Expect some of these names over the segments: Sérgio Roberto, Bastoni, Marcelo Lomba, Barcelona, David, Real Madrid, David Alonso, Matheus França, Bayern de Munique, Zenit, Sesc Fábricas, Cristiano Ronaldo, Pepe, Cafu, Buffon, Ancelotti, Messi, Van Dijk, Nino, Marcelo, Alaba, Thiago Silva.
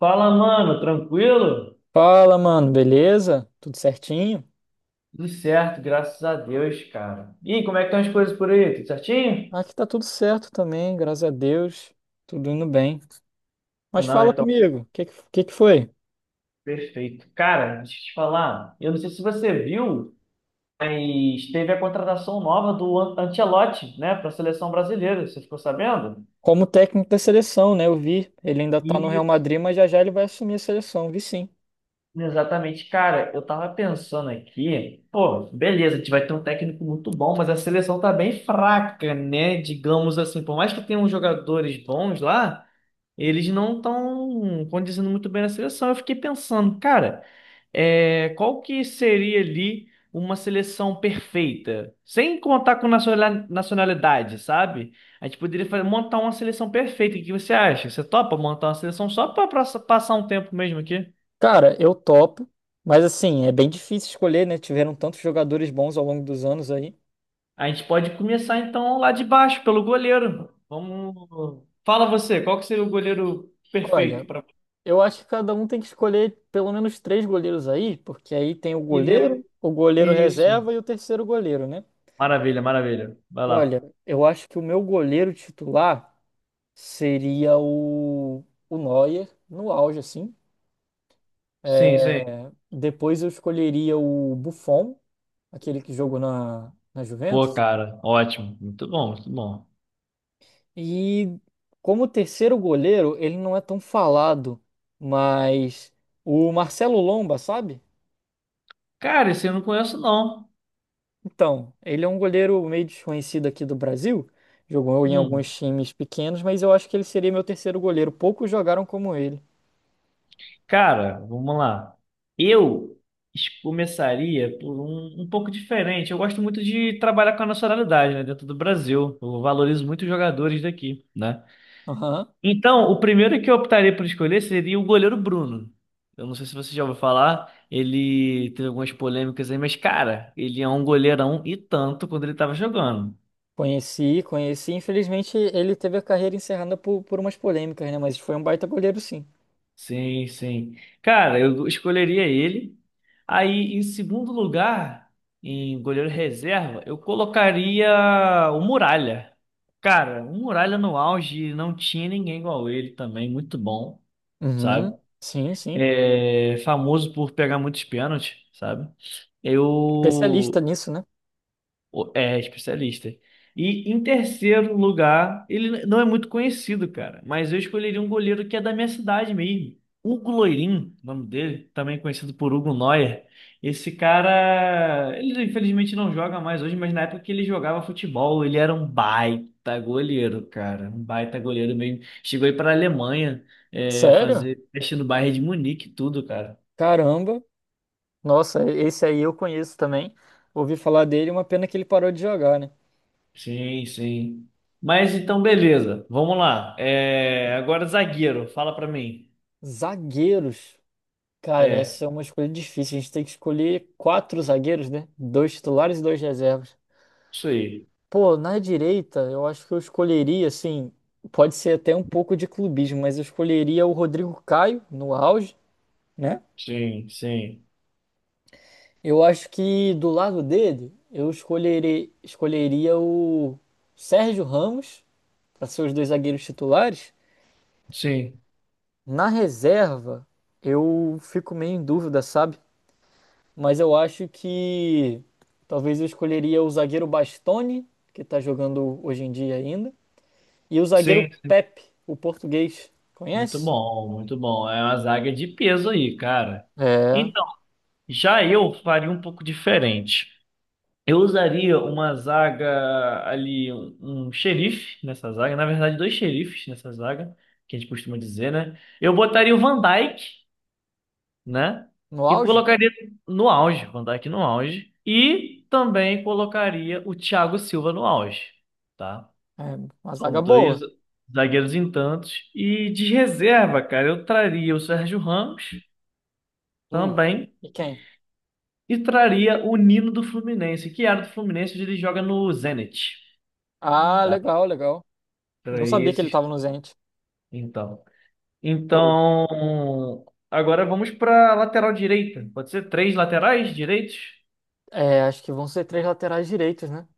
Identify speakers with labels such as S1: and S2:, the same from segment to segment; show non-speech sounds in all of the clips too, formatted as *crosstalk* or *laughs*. S1: Fala, mano, tranquilo?
S2: Fala, mano, beleza? Tudo certinho?
S1: Tudo certo, graças a Deus, cara. E como é que estão as coisas por aí? Tudo certinho?
S2: Aqui tá tudo certo também, graças a Deus, tudo indo bem.
S1: Ah,
S2: Mas
S1: não,
S2: fala
S1: então,
S2: comigo, o que, que foi?
S1: perfeito. Cara, deixa eu te falar, eu não sei se você viu, mas teve a contratação nova do Ancelotti, né, para a seleção brasileira. Você ficou sabendo?
S2: Como técnico da seleção, né? Eu vi, ele ainda tá no Real
S1: Isso.
S2: Madrid, mas já já ele vai assumir a seleção, vi sim.
S1: Exatamente, cara. Eu tava pensando aqui, pô, beleza, a gente vai ter um técnico muito bom, mas a seleção tá bem fraca, né? Digamos assim, por mais que tenham jogadores bons lá. Eles não estão condizendo muito bem na seleção. Eu fiquei pensando, cara, qual que seria ali uma seleção perfeita? Sem contar com nacionalidade, sabe? A gente poderia montar uma seleção perfeita. O que você acha? Você topa montar uma seleção só para passar um tempo mesmo aqui?
S2: Cara, eu topo, mas assim, é bem difícil escolher, né? Tiveram tantos jogadores bons ao longo dos anos aí.
S1: A gente pode começar então lá de baixo, pelo goleiro. Vamos. Fala você, qual que seria o goleiro perfeito
S2: Olha,
S1: para.
S2: eu acho que cada um tem que escolher pelo menos três goleiros aí, porque aí tem
S1: E de...
S2: o goleiro
S1: Isso.
S2: reserva e o terceiro goleiro, né?
S1: Maravilha, maravilha. Vai
S2: Olha,
S1: lá.
S2: eu acho que o meu goleiro titular seria o Neuer, no auge, assim,
S1: Sim, sim.
S2: né? Depois eu escolheria o Buffon, aquele que jogou na
S1: Pô,
S2: Juventus.
S1: cara, ótimo. Muito bom, muito bom.
S2: E como terceiro goleiro, ele não é tão falado, mas o Marcelo Lomba, sabe?
S1: Cara, esse eu não conheço, não.
S2: Então, ele é um goleiro meio desconhecido aqui do Brasil. Jogou em alguns
S1: Hum.
S2: times pequenos, mas eu acho que ele seria meu terceiro goleiro. Poucos jogaram como ele.
S1: Cara, vamos lá. Eu começaria por um, pouco diferente. Eu gosto muito de trabalhar com a nacionalidade, né, dentro do Brasil. Eu valorizo muito os jogadores daqui, né?
S2: Aham.
S1: Então, o primeiro que eu optaria por escolher seria o goleiro Bruno. Eu não sei se você já ouviu falar, ele teve algumas polêmicas aí, mas, cara, ele é um goleirão e tanto quando ele estava jogando.
S2: Conheci, conheci. Infelizmente, ele teve a carreira encerrada por umas polêmicas, né? Mas foi um baita goleiro, sim.
S1: Sim, sim. Cara, eu escolheria ele. Aí, em segundo lugar, em goleiro reserva, eu colocaria o Muralha. Cara, o Muralha no auge não tinha ninguém igual ele também, muito bom, sabe?
S2: Uhum. Sim, sim.
S1: É famoso por pegar muitos pênaltis, sabe?
S2: Especialista
S1: Eu
S2: nisso, né?
S1: é especialista. E em terceiro lugar, ele não é muito conhecido, cara, mas eu escolheria um goleiro que é da minha cidade mesmo. Hugo Loirin, o nome dele, também conhecido por Hugo Neuer. Esse cara, ele infelizmente não joga mais hoje, mas na época que ele jogava futebol, ele era um baita goleiro, cara. Um baita goleiro mesmo. Chegou aí para a Alemanha,
S2: Sério?
S1: fazer teste no Bayern de Munique e tudo, cara.
S2: Caramba. Nossa, esse aí eu conheço também. Ouvi falar dele, uma pena que ele parou de jogar, né?
S1: Sim, sim. Mas então, beleza. Vamos lá. É, agora, zagueiro, fala pra mim.
S2: Zagueiros. Cara,
S1: É,
S2: essa é uma escolha difícil. A gente tem que escolher quatro zagueiros, né? Dois titulares e dois reservas.
S1: isso aí.
S2: Pô, na direita, eu acho que eu escolheria, assim, pode ser até um pouco de clubismo, mas eu escolheria o Rodrigo Caio no auge, né?
S1: Sim, sim.
S2: Eu acho que do lado dele, eu escolheria o Sérgio Ramos para ser os dois zagueiros titulares.
S1: Sim,
S2: Na reserva, eu fico meio em dúvida, sabe? Mas eu acho que talvez eu escolheria o zagueiro Bastoni, que tá jogando hoje em dia ainda, e o zagueiro
S1: sim. Sim.
S2: Pepe, o português.
S1: Muito
S2: Conhece?
S1: bom, muito bom. É uma zaga de peso aí, cara.
S2: É,
S1: Então, já eu faria um pouco diferente. Eu usaria uma zaga ali, um xerife nessa zaga. Na verdade, dois xerifes nessa zaga, que a gente costuma dizer, né? Eu botaria o Van Dijk, né?
S2: no
S1: E
S2: auge?
S1: colocaria no auge, Van Dijk no auge. E também colocaria o Thiago Silva no auge, tá?
S2: É, uma zaga
S1: São dois
S2: boa.
S1: zagueiros em tantos. E de reserva, cara, eu traria o Sérgio Ramos
S2: Hum.
S1: também.
S2: E quem?
S1: E traria o Nino do Fluminense, que era do Fluminense, hoje ele joga no Zenit,
S2: Ah,
S1: tá?
S2: legal, legal. Não
S1: Traria
S2: sabia que ele
S1: esses,
S2: tava no Zenit.
S1: então.
S2: Show.
S1: Então, agora vamos para lateral direita. Pode ser três laterais direitos?
S2: É, acho que vão ser três laterais direitos, né?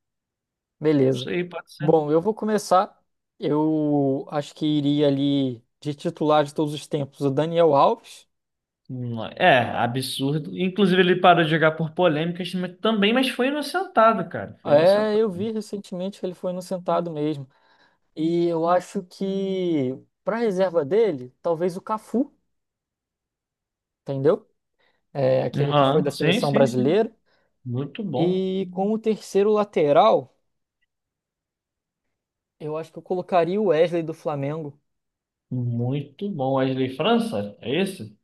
S1: Isso
S2: Beleza.
S1: aí, pode ser.
S2: Bom, eu vou começar. Eu acho que iria ali de titular de todos os tempos, o Daniel Alves.
S1: Não, absurdo. Inclusive, ele parou de jogar por polêmicas mas também, mas foi inocentado, cara. Foi
S2: É,
S1: inocentado.
S2: eu vi recentemente que ele foi inocentado mesmo. E eu acho que para reserva dele, talvez o Cafu, entendeu? É, aquele que foi da
S1: Aham, sim,
S2: seleção
S1: sim, sim.
S2: brasileira.
S1: Muito bom.
S2: E como terceiro lateral, eu acho que eu colocaria o Wesley do Flamengo.
S1: Muito bom. Wesley França? É esse?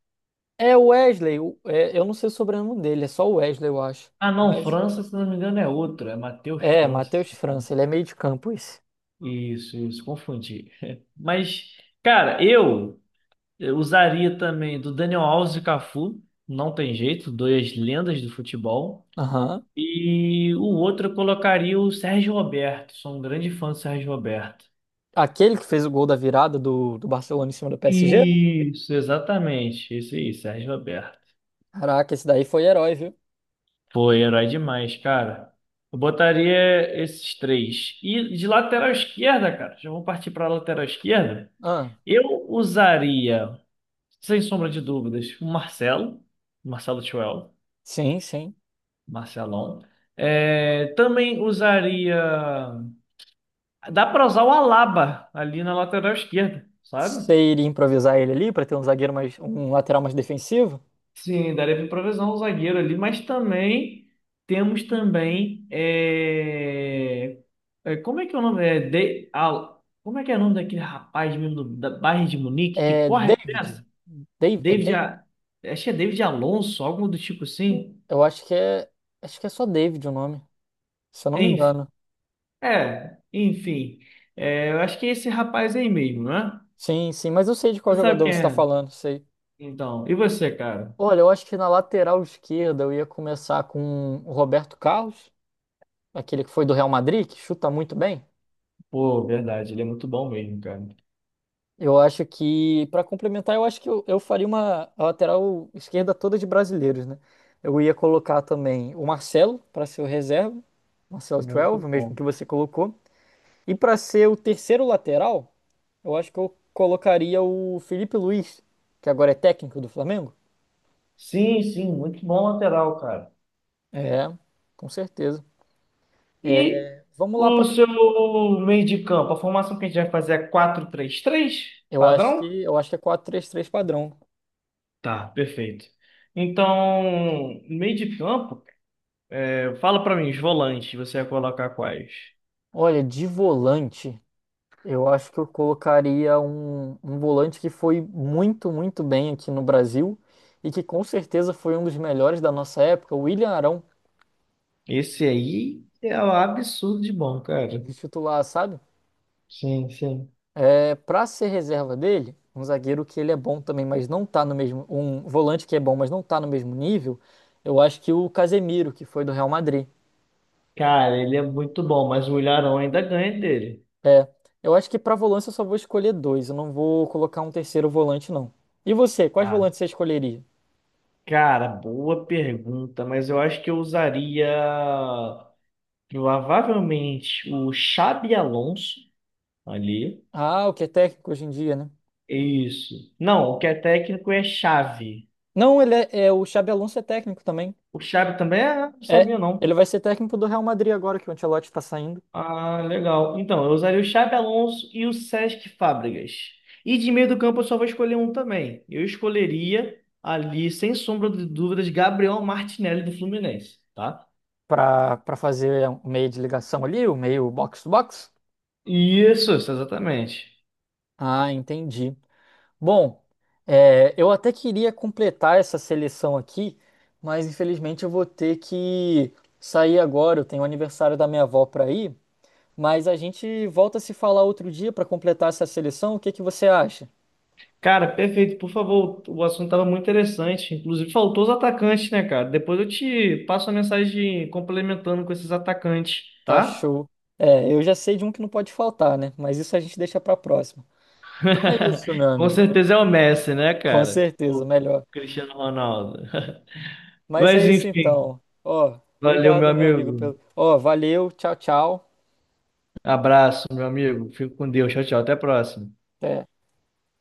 S2: É o Wesley, é, eu não sei o sobrenome dele, é só o Wesley, eu acho.
S1: Ah, não,
S2: Mas
S1: França, se não me engano, é outro. É Matheus
S2: é,
S1: França.
S2: Matheus França, ele é meio de campo isso.
S1: Isso, confundi. *laughs* Mas, cara, eu usaria também do Daniel Alves e Cafu. Não tem jeito, duas lendas do futebol.
S2: Aham.
S1: E o outro eu colocaria o Sérgio Roberto. Sou um grande fã do Sérgio Roberto.
S2: Aquele que fez o gol da virada do Barcelona em cima do PSG?
S1: Isso, exatamente. Isso aí, Sérgio Roberto.
S2: Caraca, esse daí foi herói, viu?
S1: Foi herói demais, cara. Eu botaria esses três. E de lateral esquerda, cara, já vou partir para lateral esquerda.
S2: Ah,
S1: Eu usaria, sem sombra de dúvidas, o Marcelo. Marcelo Chuel.
S2: sim, sim.
S1: Marcelão. É, também usaria. Dá para usar o Alaba ali na lateral esquerda, sabe?
S2: Você iria improvisar ele ali pra ter um zagueiro mais, um lateral mais defensivo?
S1: Sim, daria para improvisar um zagueiro ali, mas também temos também é... como é que é o nome? Como é que é o nome daquele rapaz mesmo do da Bayern de Munique que
S2: É
S1: corre dessa?
S2: David. Dave, é
S1: David,
S2: David?
S1: A- acho que é David Alonso, algo do tipo assim.
S2: Eu acho que é só David o nome, se eu não me
S1: Enfim,
S2: engano.
S1: enfim, é, eu acho que é esse rapaz aí mesmo, né?
S2: Sim, sim, mas eu sei de qual
S1: Você sabe
S2: jogador
S1: quem
S2: você está
S1: é?
S2: falando, sei.
S1: Então, e você, cara?
S2: Olha, eu acho que na lateral esquerda eu ia começar com o Roberto Carlos, aquele que foi do Real Madrid, que chuta muito bem.
S1: Pô, verdade, ele é muito bom mesmo, cara.
S2: Eu acho que, para complementar, eu acho que eu faria uma a lateral esquerda toda de brasileiros, né? Eu ia colocar também o Marcelo para ser o reserva, Marcelo 12,
S1: Muito
S2: o mesmo
S1: bom.
S2: que você colocou. E para ser o terceiro lateral, eu acho que eu colocaria o Felipe Luiz, que agora é técnico do Flamengo.
S1: Sim, sim, muito bom lateral, cara.
S2: É, com certeza.
S1: E
S2: Vamos lá
S1: o
S2: para.
S1: seu meio de campo, a formação que a gente vai fazer é 4 três 3
S2: Eu acho
S1: padrão?
S2: que eu acho que é quatro três três padrão.
S1: Tá, perfeito. Então, meio de campo, fala pra mim, os volantes, você vai colocar quais?
S2: Olha, de volante, eu acho que eu colocaria um volante que foi muito bem aqui no Brasil e que com certeza foi um dos melhores da nossa época, o William Arão,
S1: Esse aí é um absurdo de bom, cara.
S2: de titular, sabe?
S1: Sim, sim.
S2: É para ser reserva dele, um zagueiro que ele é bom também, mas não tá no mesmo, um volante que é bom, mas não tá no mesmo nível. Eu acho que o Casemiro, que foi do Real Madrid.
S1: Cara, ele é muito bom, mas o Ilharão ainda ganha dele.
S2: É, eu acho que pra volante eu só vou escolher dois. Eu não vou colocar um terceiro volante, não. E você, quais
S1: Ah,
S2: volantes você escolheria?
S1: cara, boa pergunta, mas eu acho que eu usaria provavelmente o Xabi Alonso ali.
S2: Ah, o que é técnico hoje em dia, né?
S1: Isso. Não, o que é técnico é chave.
S2: Não, o Xabi Alonso é técnico também.
S1: O chave também é? Não
S2: É,
S1: sabia, não.
S2: ele vai ser técnico do Real Madrid agora que o Ancelotti tá saindo
S1: Ah, legal. Então, eu usaria o Xabi Alonso e o Sesc Fábricas. E de meio do campo eu só vou escolher um também. Eu escolheria ali, sem sombra de dúvidas, Gabriel Martinelli do Fluminense, tá?
S2: pra para fazer o meio de ligação ali, o meio box to box.
S1: Isso, exatamente.
S2: Ah, entendi. Bom, eu até queria completar essa seleção aqui, mas infelizmente eu vou ter que sair agora. Eu tenho o aniversário da minha avó para ir. Mas a gente volta a se falar outro dia para completar essa seleção. O que que você acha?
S1: Cara, perfeito. Por favor, o assunto estava muito interessante. Inclusive, faltou os atacantes, né, cara? Depois eu te passo a mensagem complementando com esses atacantes,
S2: Tá
S1: tá?
S2: show. É, eu já sei de um que não pode faltar, né? Mas isso a gente deixa para próxima. Então é isso, meu
S1: *laughs* Com
S2: amigo.
S1: certeza é o Messi, né,
S2: Com
S1: cara?
S2: certeza,
S1: O
S2: melhor.
S1: Cristiano Ronaldo. *laughs*
S2: Mas é
S1: Mas
S2: isso
S1: enfim,
S2: então. Ó,
S1: valeu, meu
S2: obrigado, meu amigo,
S1: amigo.
S2: pelo. Ó, valeu. Tchau, tchau.
S1: Abraço, meu amigo. Fico com Deus. Tchau, tchau. Até a próxima.
S2: Até.